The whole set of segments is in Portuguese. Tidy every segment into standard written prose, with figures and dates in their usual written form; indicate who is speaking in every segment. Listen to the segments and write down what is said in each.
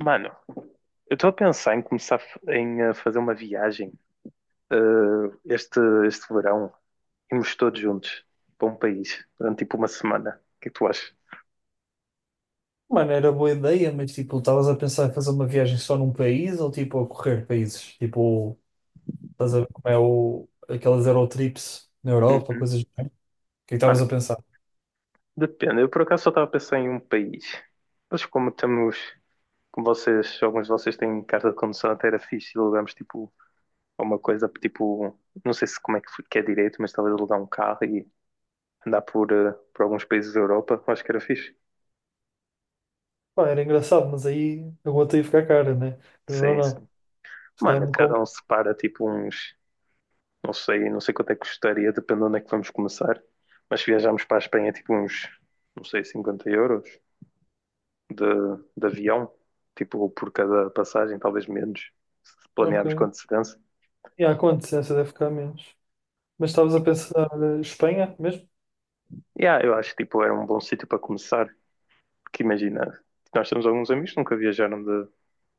Speaker 1: Mano, eu estou a pensar em começar a fazer uma viagem eh, este, este verão. Irmos todos juntos para um país durante tipo uma semana. O que é que tu achas?
Speaker 2: Mano, era boa ideia, mas tipo, estavas a pensar em fazer uma viagem só num país ou tipo a correr países? Tipo, estás a ver como é aquelas Eurotrips na Europa,
Speaker 1: Hum,
Speaker 2: coisas do género? O que é que estavas
Speaker 1: Mano,
Speaker 2: a pensar?
Speaker 1: depende. Eu por acaso só estava a pensar em um país. Mas como vocês, alguns de vocês têm carta de condução até era fixe, alugamos tipo alguma coisa, tipo, não sei se como é que que é direito, mas talvez alugar um carro e andar por alguns países da Europa. Acho que era fixe.
Speaker 2: Pá, era engraçado, mas aí a gota ia ficar cara, né? Não,
Speaker 1: Sim,
Speaker 2: não.
Speaker 1: sim.
Speaker 2: Se calhar
Speaker 1: Mano,
Speaker 2: me
Speaker 1: cada
Speaker 2: como.
Speaker 1: um separa tipo uns. Não sei quanto é que custaria, dependendo de onde é que vamos começar. Mas se viajarmos para a Espanha, tipo uns, não sei, 50 euros de, de avião, tipo por cada passagem, talvez menos, se
Speaker 2: Ok.
Speaker 1: planearmos com antecedência.
Speaker 2: E há quanto? Essa deve ficar menos. Mas estavas a pensar Espanha mesmo?
Speaker 1: Yeah, eu acho que tipo, era um bom sítio para começar, porque imagina, nós temos alguns amigos que nunca viajaram de,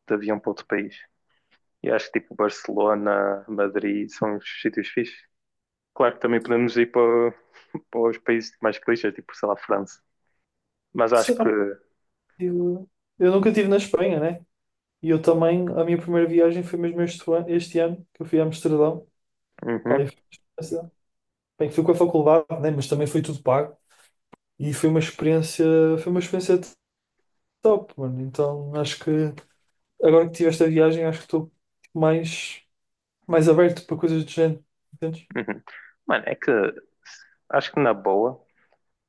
Speaker 1: de avião para outro país. E acho que tipo Barcelona, Madrid são os sítios fixes. Claro que também podemos ir para os países mais clichês, tipo, sei lá, França. Mas acho
Speaker 2: Sim,
Speaker 1: que.
Speaker 2: ó, eu, eu nunca estive na Espanha, né? E eu também, a minha primeira viagem foi mesmo este ano, que eu fui a Amsterdão. Pá,
Speaker 1: Uhum,
Speaker 2: experiência- Bem, fui com a faculdade, né? Mas também foi tudo pago. E foi uma experiência top, mano. Então acho que agora que tive esta viagem, acho que estou mais, mais aberto para coisas do género, entendes?
Speaker 1: uhum. Mano, é que acho que na boa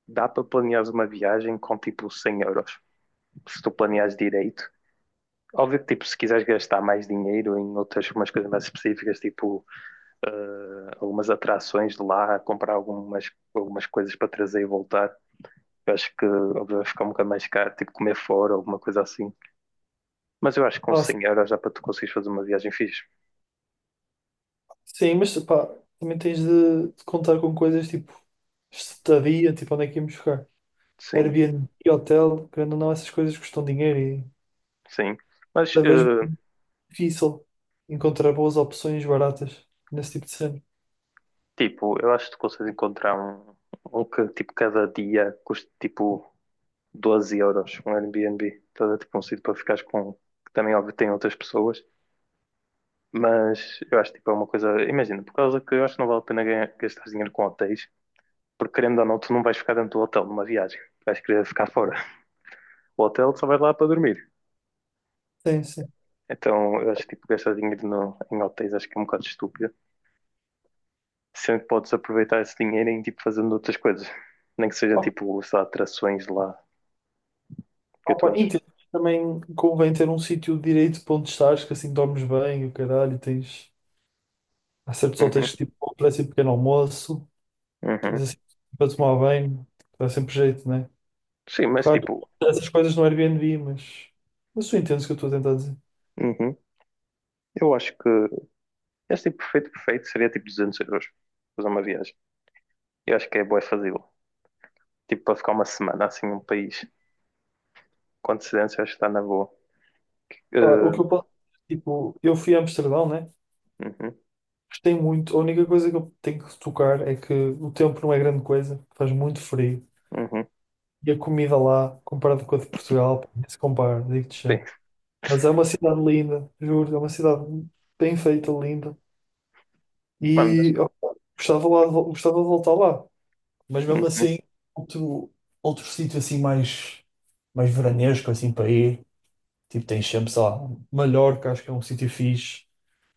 Speaker 1: dá para planeares uma viagem com tipo 100 euros, se tu planeares direito. Óbvio que tipo, se quiseres gastar mais dinheiro em outras umas coisas mais específicas, tipo eh, algumas atrações de lá, comprar algumas coisas para trazer e voltar, eu acho que óbvio, vai ficar um bocado mais caro, tipo comer fora, alguma coisa assim. Mas eu acho que com
Speaker 2: Pá,
Speaker 1: 100 euros dá para tu conseguires fazer uma viagem fixe.
Speaker 2: sim, mas pá, também tens de contar com coisas tipo estadia, tipo onde é que íamos ficar.
Speaker 1: Sim,
Speaker 2: Airbnb, hotel, querendo ou não, essas coisas custam dinheiro e
Speaker 1: sim. Mas
Speaker 2: cada vez
Speaker 1: eh,
Speaker 2: difícil encontrar boas opções baratas nesse tipo de cena.
Speaker 1: Tipo, eu acho que tu consegues encontrar um que tipo cada dia custa tipo 12 euros, um Airbnb. Então é tipo um sítio para ficares com, que também óbvio tem outras pessoas, mas eu acho tipo, é uma coisa, imagina, por causa que eu acho que não vale a pena gastar dinheiro com hotéis, porque querendo ou não, tu não vais ficar dentro do hotel numa viagem, vais querer ficar fora. O hotel só vais lá para dormir.
Speaker 2: Sim, sim.
Speaker 1: Então eu acho que tipo gastar dinheiro no, em hotéis acho que é um bocado estúpido. Sempre podes aproveitar esse dinheiro em tipo fazendo outras coisas. Nem que seja
Speaker 2: Opa,
Speaker 1: tipo, sei lá, atrações lá. O que é que tu
Speaker 2: opa,
Speaker 1: achas?
Speaker 2: entendo. Também convém ter um sítio direito para onde estás, que assim dormes bem, o caralho, e tens. Há certos
Speaker 1: Uhum,
Speaker 2: hotéis que tipo, oferecem pequeno almoço, tens
Speaker 1: uhum.
Speaker 2: assim para tomar bem, dá sempre jeito, né?
Speaker 1: Sim, mas
Speaker 2: Claro,
Speaker 1: tipo.
Speaker 2: que essas coisas no Airbnb, mas. Mas tu entendes o que eu estou a tentar dizer.
Speaker 1: Uhum. Eu acho que esse tipo perfeito, perfeito seria tipo 200 euros fazer uma viagem. Eu acho que é boa fazê-lo. Tipo, para ficar uma semana assim num país com antecedência, acho que está na boa.
Speaker 2: Pá, o
Speaker 1: Uh,
Speaker 2: que eu posso. Tipo, eu fui a Amsterdão, né?
Speaker 1: uhum,
Speaker 2: Gostei muito. A única coisa que eu tenho que tocar é que o tempo não é grande coisa, faz muito frio.
Speaker 1: uhum.
Speaker 2: E a comida lá, comparado com a de Portugal, pá, nem se compara, digo-te já.
Speaker 1: Sim,
Speaker 2: Mas é uma cidade linda, juro, é uma cidade bem feita, linda.
Speaker 1: mano, mas,
Speaker 2: E ó, gostava lá, gostava de voltar lá. Mas mesmo
Speaker 1: uhum.
Speaker 2: assim, outro, outro sítio assim mais veranesco, assim para ir. Tipo, tens sempre, sei lá, Mallorca, acho que é um sítio fixe.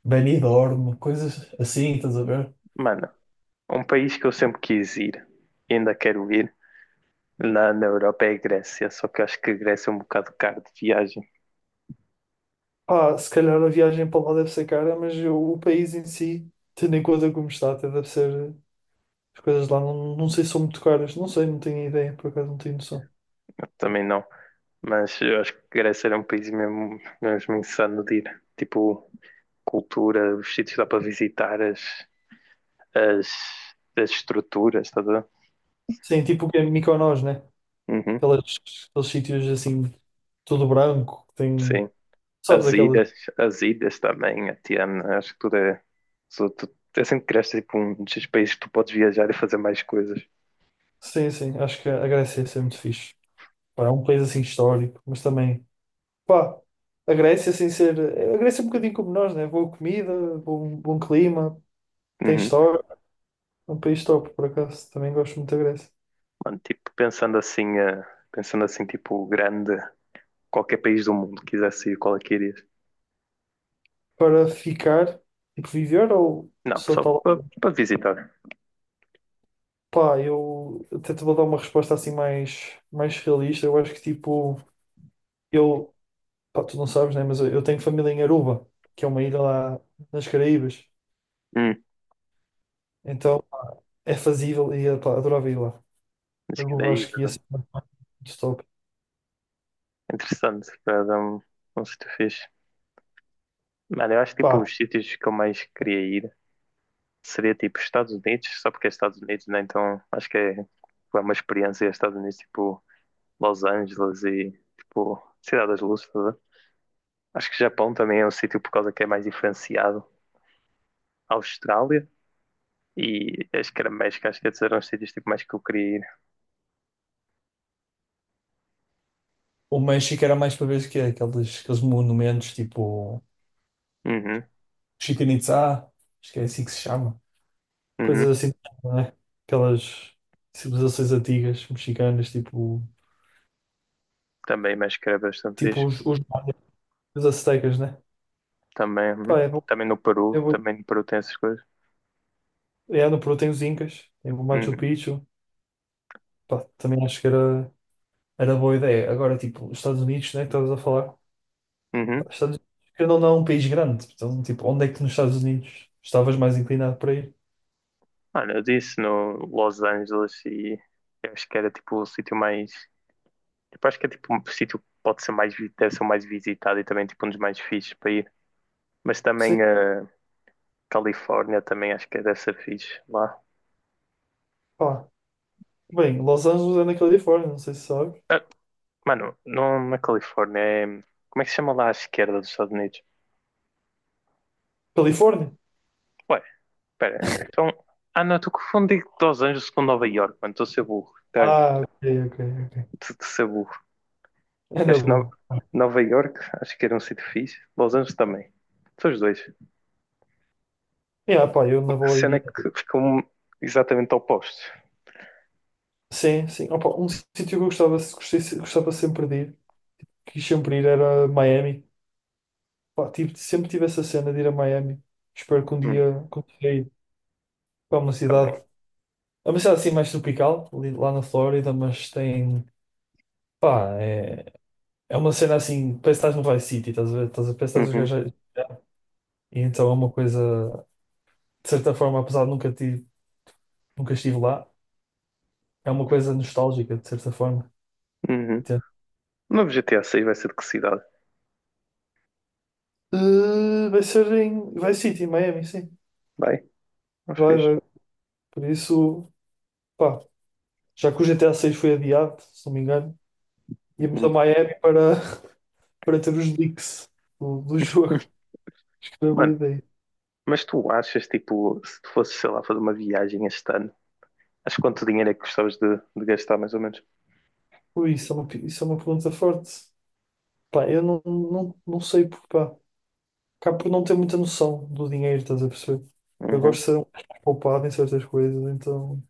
Speaker 2: Benidorm, coisas assim, estás a ver?
Speaker 1: Mano, um país que eu sempre quis ir e ainda quero ir na Europa é a Grécia, só que eu acho que a Grécia é um bocado caro de viagem.
Speaker 2: Pá, se calhar a viagem para lá deve ser cara, mas o país em si, tendo em conta como está, até deve ser. As coisas lá não, não sei se são muito caras, não sei, não tenho ideia, por acaso não tenho noção.
Speaker 1: Também não. Mas eu acho que a Grécia era um país mesmo, mesmo insano de ir. Tipo, cultura, os sítios que dá para visitar, as, as estruturas, estás a ver?
Speaker 2: Sim, tipo o que é Mykonos, né?
Speaker 1: Uhum,
Speaker 2: Aquelas, aqueles sítios assim, tudo branco, que tem.
Speaker 1: sim.
Speaker 2: Sabes
Speaker 1: As
Speaker 2: aquelas.
Speaker 1: ilhas, as ilhas também, a Tiana, acho que tudo é. É sempre que cresces tipo, um desses países que tu podes viajar e fazer mais coisas.
Speaker 2: Sim, sim, acho que a Grécia ia ser muito fixe. Pá, é um país assim histórico, mas também. Pá, a Grécia, sem ser. A Grécia é um bocadinho como nós, né? Boa comida, bom clima, tem
Speaker 1: Uhum.
Speaker 2: história. É um país top, por acaso. Também gosto muito da Grécia.
Speaker 1: Mano, tipo, pensando assim, tipo, grande, qualquer país do mundo quisesse ir, qual é que irias?
Speaker 2: Para ficar, tipo, viver ou
Speaker 1: Não,
Speaker 2: só
Speaker 1: só
Speaker 2: tal?
Speaker 1: para visitar.
Speaker 2: Pá, eu até te vou dar uma resposta assim mais realista. Eu acho que tipo, eu, pá, tu não sabes, né? Mas eu tenho família em Aruba, que é uma ilha lá nas Caraíbas.
Speaker 1: Hum,
Speaker 2: Então é fazível e pá, adorava ir lá.
Speaker 1: acho que
Speaker 2: Aruba
Speaker 1: daí,
Speaker 2: acho que ia ser muito top.
Speaker 1: interessante, para dar um sítio fixe. Mano, eu acho que tipo
Speaker 2: Pá,
Speaker 1: os sítios que eu mais queria ir, seria tipo Estados Unidos, só porque é Estados Unidos, né? Então acho que é, tipo, é uma experiência Estados Unidos, tipo Los Angeles e tipo Cidade das Luzes, tá a ver? Acho que Japão também é um sítio por causa que é mais diferenciado. Austrália e acho que era México, acho que esses eram os sítios tipo, mais que eu queria ir.
Speaker 2: o México era mais para ver o que é, aqueles monumentos tipo
Speaker 1: Uhum,
Speaker 2: Chichen Itzá, acho que é assim que se chama.
Speaker 1: uhum.
Speaker 2: Coisas assim, não é? Aquelas civilizações antigas, mexicanas, tipo.
Speaker 1: Também México era bastante
Speaker 2: Tipo
Speaker 1: fixe.
Speaker 2: os maias aztecas, né?
Speaker 1: Também, uhum.
Speaker 2: Pá, é bom. É bom.
Speaker 1: Também no Peru tem essas coisas.
Speaker 2: É, no Peru tem os Incas, tem o Machu
Speaker 1: Uhum,
Speaker 2: Picchu. Pá, também acho que era boa ideia. Agora, tipo, os Estados Unidos, né? Que estavas a falar. Pá,
Speaker 1: uhum.
Speaker 2: Estados Unidos, querendo ou não, é um país grande. Então, tipo, onde é que nos Estados Unidos estavas mais inclinado para ir?
Speaker 1: Olha, eu disse no Los Angeles e eu acho que era tipo o sítio mais. Tipo, acho que é tipo um sítio que pode ser mais, deve ser o mais visitado e também tipo um dos mais fixes para ir. Mas
Speaker 2: Sim,
Speaker 1: também a Califórnia também acho que é deve ser fixe lá.
Speaker 2: pá. Bem, Los Angeles é na Califórnia, não sei se sabes.
Speaker 1: Ah, mano, não na Califórnia é. Como é que se chama lá à esquerda dos Estados Unidos?
Speaker 2: Califórnia?
Speaker 1: Ué, espera. Então. Ah, não, estou confundindo Los Angeles com Nova York, mano. Estou a ser burro. Tá,
Speaker 2: Ah, ok, ok. Ok.
Speaker 1: Estou a ser burro.
Speaker 2: É na
Speaker 1: Este Nova,
Speaker 2: boa.
Speaker 1: Nova York acho que era um sítio fixe. Los Angeles também. São os dois.
Speaker 2: Yeah, pá, eu na
Speaker 1: A
Speaker 2: boa
Speaker 1: cena é
Speaker 2: iria.
Speaker 1: que ficam exatamente opostos.
Speaker 2: Sim, sim. Opa, um sítio que eu gostava sempre de ir, quis sempre ir, era Miami. Pá, sempre tive essa cena de ir a Miami. Espero que um
Speaker 1: Hum,
Speaker 2: dia consiga ir para uma cidade.
Speaker 1: também.
Speaker 2: É uma cidade assim mais tropical, ali, lá na Flórida, mas tem. Pá, é uma cena assim, parece que estás no Vice City, estás a ver? Parece que estás a
Speaker 1: Uhum,
Speaker 2: viajar. E então é uma coisa, de certa forma, apesar de nunca estive lá, é uma coisa nostálgica, de certa forma.
Speaker 1: uhum. O novo GTA 6 vai ser de que cidade?
Speaker 2: Vai ser em Vice City, em Miami, sim.
Speaker 1: Vai? Mas
Speaker 2: Vai,
Speaker 1: fixe.
Speaker 2: vai. Por isso, pá, já que o GTA 6 foi adiado, se não me engano, íamos a
Speaker 1: Hum.
Speaker 2: Miami para, para ter os leaks do jogo. Acho que era boa
Speaker 1: Mano,
Speaker 2: ideia.
Speaker 1: mas tu achas, tipo, se tu fosses, sei lá, fazer uma viagem este ano, acho que quanto dinheiro é que gostavas de gastar, mais ou menos?
Speaker 2: Ui, isso é uma pergunta forte. Pá, eu não sei porque, pá, acabo por não ter muita noção do dinheiro, estás a perceber? Eu gosto
Speaker 1: Uhum.
Speaker 2: de ser um pouco poupado em certas coisas, então,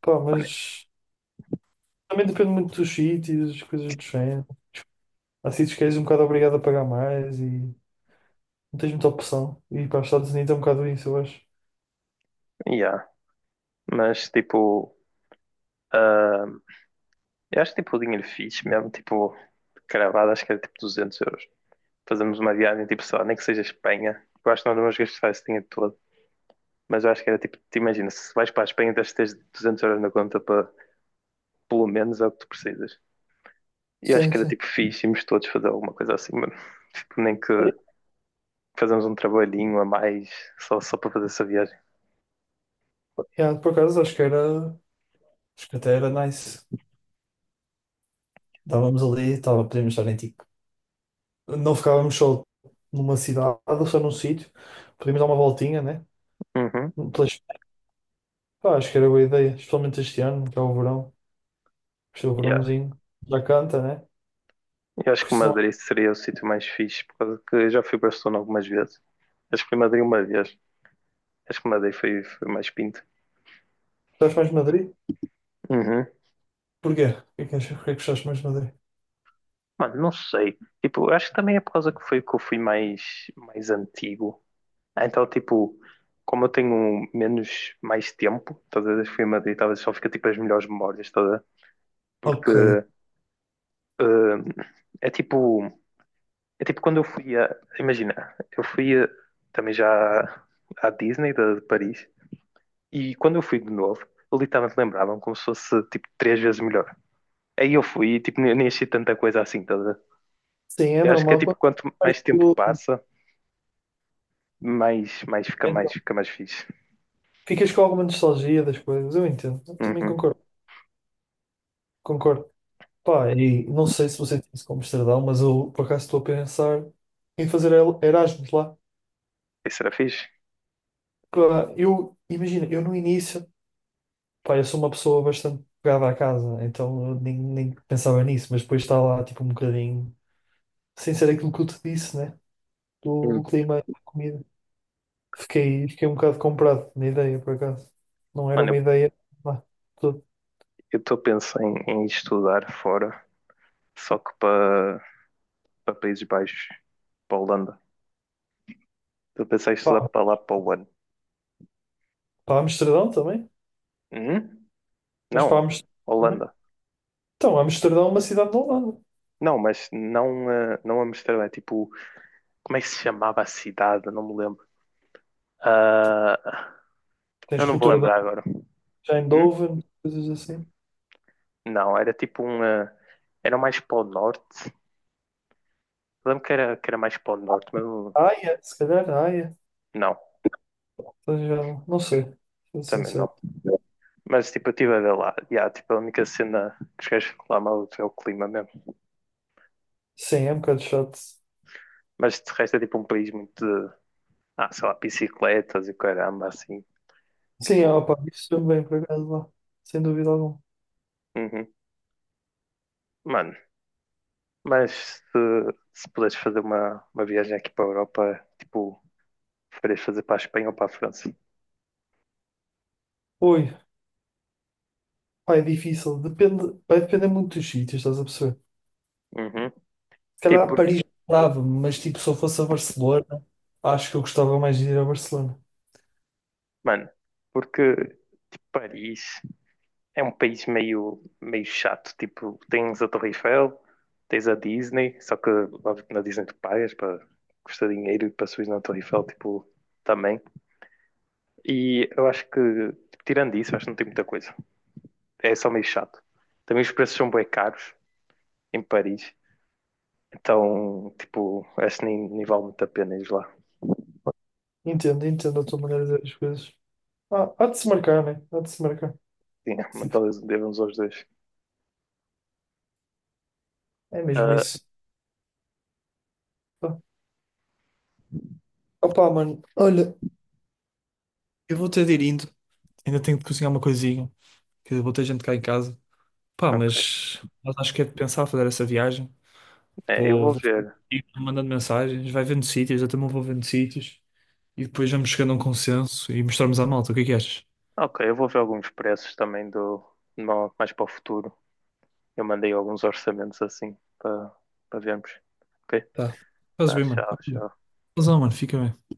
Speaker 2: pá,
Speaker 1: Mano,
Speaker 2: mas também depende muito dos sítios, coisas do género. Há sítios que és um bocado obrigado a pagar mais e. Não tens muita opção. E para os Estados Unidos é um bocado isso, eu acho.
Speaker 1: yeah. Mas, tipo, ah, eu acho, tipo, o dinheiro fixe mesmo, tipo, cravado, acho que era, tipo, 200 euros. Fazemos uma viagem, tipo, sei lá, nem que seja Espanha. Eu acho que nós não vamos gastar esse dinheiro todo. Mas eu acho que era, tipo, te imagina, se vais para a Espanha, tens de ter 200 euros na conta para, pelo menos, é o que tu precisas. E acho
Speaker 2: Sim,
Speaker 1: que era
Speaker 2: sim.
Speaker 1: tipo fixe, íamos todos fazer alguma coisa assim, mano. Tipo, nem que fazemos um trabalhinho a mais só para fazer essa viagem.
Speaker 2: Yeah, por acaso, acho que era. Acho que até era nice. Estávamos ali, tava, podíamos estar em tipo. Não ficávamos só numa cidade ou só num sítio. Podíamos dar uma voltinha, né?
Speaker 1: Uhum.
Speaker 2: Pelas. Pá, acho que era boa ideia, especialmente este ano, que é o verão. Este é o
Speaker 1: Yeah.
Speaker 2: verãozinho. Já canta, né?
Speaker 1: Eu acho que
Speaker 2: Porque se não
Speaker 1: Madrid seria o sítio mais fixe, por causa que eu já fui para Barcelona algumas vezes. Acho que fui a Madrid uma vez. Acho que Madrid foi mais pinto.
Speaker 2: estás mais de Madrid?
Speaker 1: Uhum.
Speaker 2: Porquê? O que é que achas? Porquê é que estás mais de Madrid?
Speaker 1: Mano, não sei. Tipo, eu acho que também é por causa que foi que eu fui mais antigo. Ah, então, tipo, como eu tenho menos, mais tempo, todas as vezes que fui a Madrid, talvez só fica tipo as melhores memórias, toda. Porque
Speaker 2: Ok.
Speaker 1: eh, é tipo, é tipo quando eu fui a, imagina, eu fui a- também já à Disney de Paris e quando eu fui de novo, eu literalmente lembrava como se fosse tipo 3 vezes melhor. Aí eu fui e tipo, nem achei tanta coisa assim, tá a ver?
Speaker 2: Sim, é
Speaker 1: Eu acho que é
Speaker 2: normal.
Speaker 1: tipo,
Speaker 2: Quando
Speaker 1: quanto
Speaker 2: faz
Speaker 1: mais tempo
Speaker 2: aquilo,
Speaker 1: passa, mais, mais fica mais,
Speaker 2: então,
Speaker 1: fica mais fixe.
Speaker 2: ficas com alguma nostalgia das coisas. Eu entendo. Eu também
Speaker 1: Uhum.
Speaker 2: concordo. Concordo. Pá, e não sei se você tem isso como Amsterdão, mas eu por acaso estou a pensar em fazer Erasmus lá.
Speaker 1: Isso era fixe?
Speaker 2: Pá, eu, imagina, eu no início, pá, eu sou uma pessoa bastante pegada à casa, então eu nem pensava nisso, mas depois está lá, tipo, um bocadinho, sem ser aquilo que eu te disse, né? Do,
Speaker 1: Hum.
Speaker 2: do clima e da comida. Fiquei um bocado comprado na ideia, por acaso. Não era
Speaker 1: Mano,
Speaker 2: uma
Speaker 1: eu
Speaker 2: ideia. Lá, tudo.
Speaker 1: eu estou a pensar em estudar fora, só que para Países Baixos, para a Holanda. Estou a pensar em estudar
Speaker 2: Pá,
Speaker 1: para lá para o ano.
Speaker 2: para Amsterdão também,
Speaker 1: Hum?
Speaker 2: mas para
Speaker 1: Não,
Speaker 2: Amsterdão também.
Speaker 1: Holanda.
Speaker 2: Então, Amsterdão é uma cidade da Holanda.
Speaker 1: Não, mas não, não Amsterdã, é tipo, como é que se chamava a cidade? Não me lembro. Ah,
Speaker 2: Tens
Speaker 1: eu não vou
Speaker 2: cultura
Speaker 1: lembrar agora. Hum?
Speaker 2: Eindhoven, coisas assim.
Speaker 1: Não, era tipo um. Era mais para o norte. Eu lembro que era mais para o norte, mas eu-.
Speaker 2: Haia, se calhar Haia.
Speaker 1: Não,
Speaker 2: Então já não sei, sou
Speaker 1: também não.
Speaker 2: sincero.
Speaker 1: Mas tipo, eu estive a ver lá. Yeah, tipo, a única cena que os gajos reclamam é o clima mesmo.
Speaker 2: Sim, é um bocado chato.
Speaker 1: Mas de resto é tipo um país muito de, sei lá, bicicletas e caramba, assim.
Speaker 2: Sim,
Speaker 1: Tipo,
Speaker 2: opa, isso também, por acaso, lá. Sem dúvida alguma.
Speaker 1: uhum. Mano, mas se puderes fazer uma viagem aqui para a Europa, tipo, preferias fazer para a Espanha ou para a França?
Speaker 2: Oi, pá, é difícil. Depende, vai depender muito dos sítios, estás a perceber?
Speaker 1: Uhum.
Speaker 2: Se
Speaker 1: Tipo,
Speaker 2: calhar Paris dava, mas tipo, se eu fosse a Barcelona, acho que eu gostava mais de ir a Barcelona.
Speaker 1: mano, porque Paris é um país meio, meio chato. Tipo, tens a Torre Eiffel, tens a Disney, só que óbvio que na Disney tu pagas para custa dinheiro e para subir na Torre Eiffel, tipo, também. E eu acho que, tipo, tirando isso, acho que não tem muita coisa. É só meio chato. Também os preços são bem caros em Paris. Então, tipo, acho que nem vale muito a pena ir lá.
Speaker 2: Entendo a tua maneira de ver as coisas. Ah, há de se marcar, né? Há de se marcar.
Speaker 1: Sim, mas
Speaker 2: Tipo,
Speaker 1: talvez devemos aos dois.
Speaker 2: é mesmo isso. Opa, mano, olha, eu vou ter de ir indo. Ainda tenho de cozinhar uma coisinha, que vou ter gente cá em casa. Pá,
Speaker 1: Ah, ok.
Speaker 2: mas acho que é de pensar fazer essa viagem.
Speaker 1: É, eu
Speaker 2: Vou,
Speaker 1: vou
Speaker 2: vou
Speaker 1: ver.
Speaker 2: ir mandando mensagens, vai vendo sítios, eu também vou vendo sítios. E depois vamos chegando a um consenso e mostrarmos à malta. O que é que achas?
Speaker 1: Ok, eu vou ver alguns preços também do mais para o futuro. Eu mandei alguns orçamentos assim para vermos. Ok?
Speaker 2: Tá. Fazes
Speaker 1: Tá,
Speaker 2: bem, mano.
Speaker 1: tchau,
Speaker 2: Ok.
Speaker 1: tchau.
Speaker 2: Fazão, mano. Fica bem.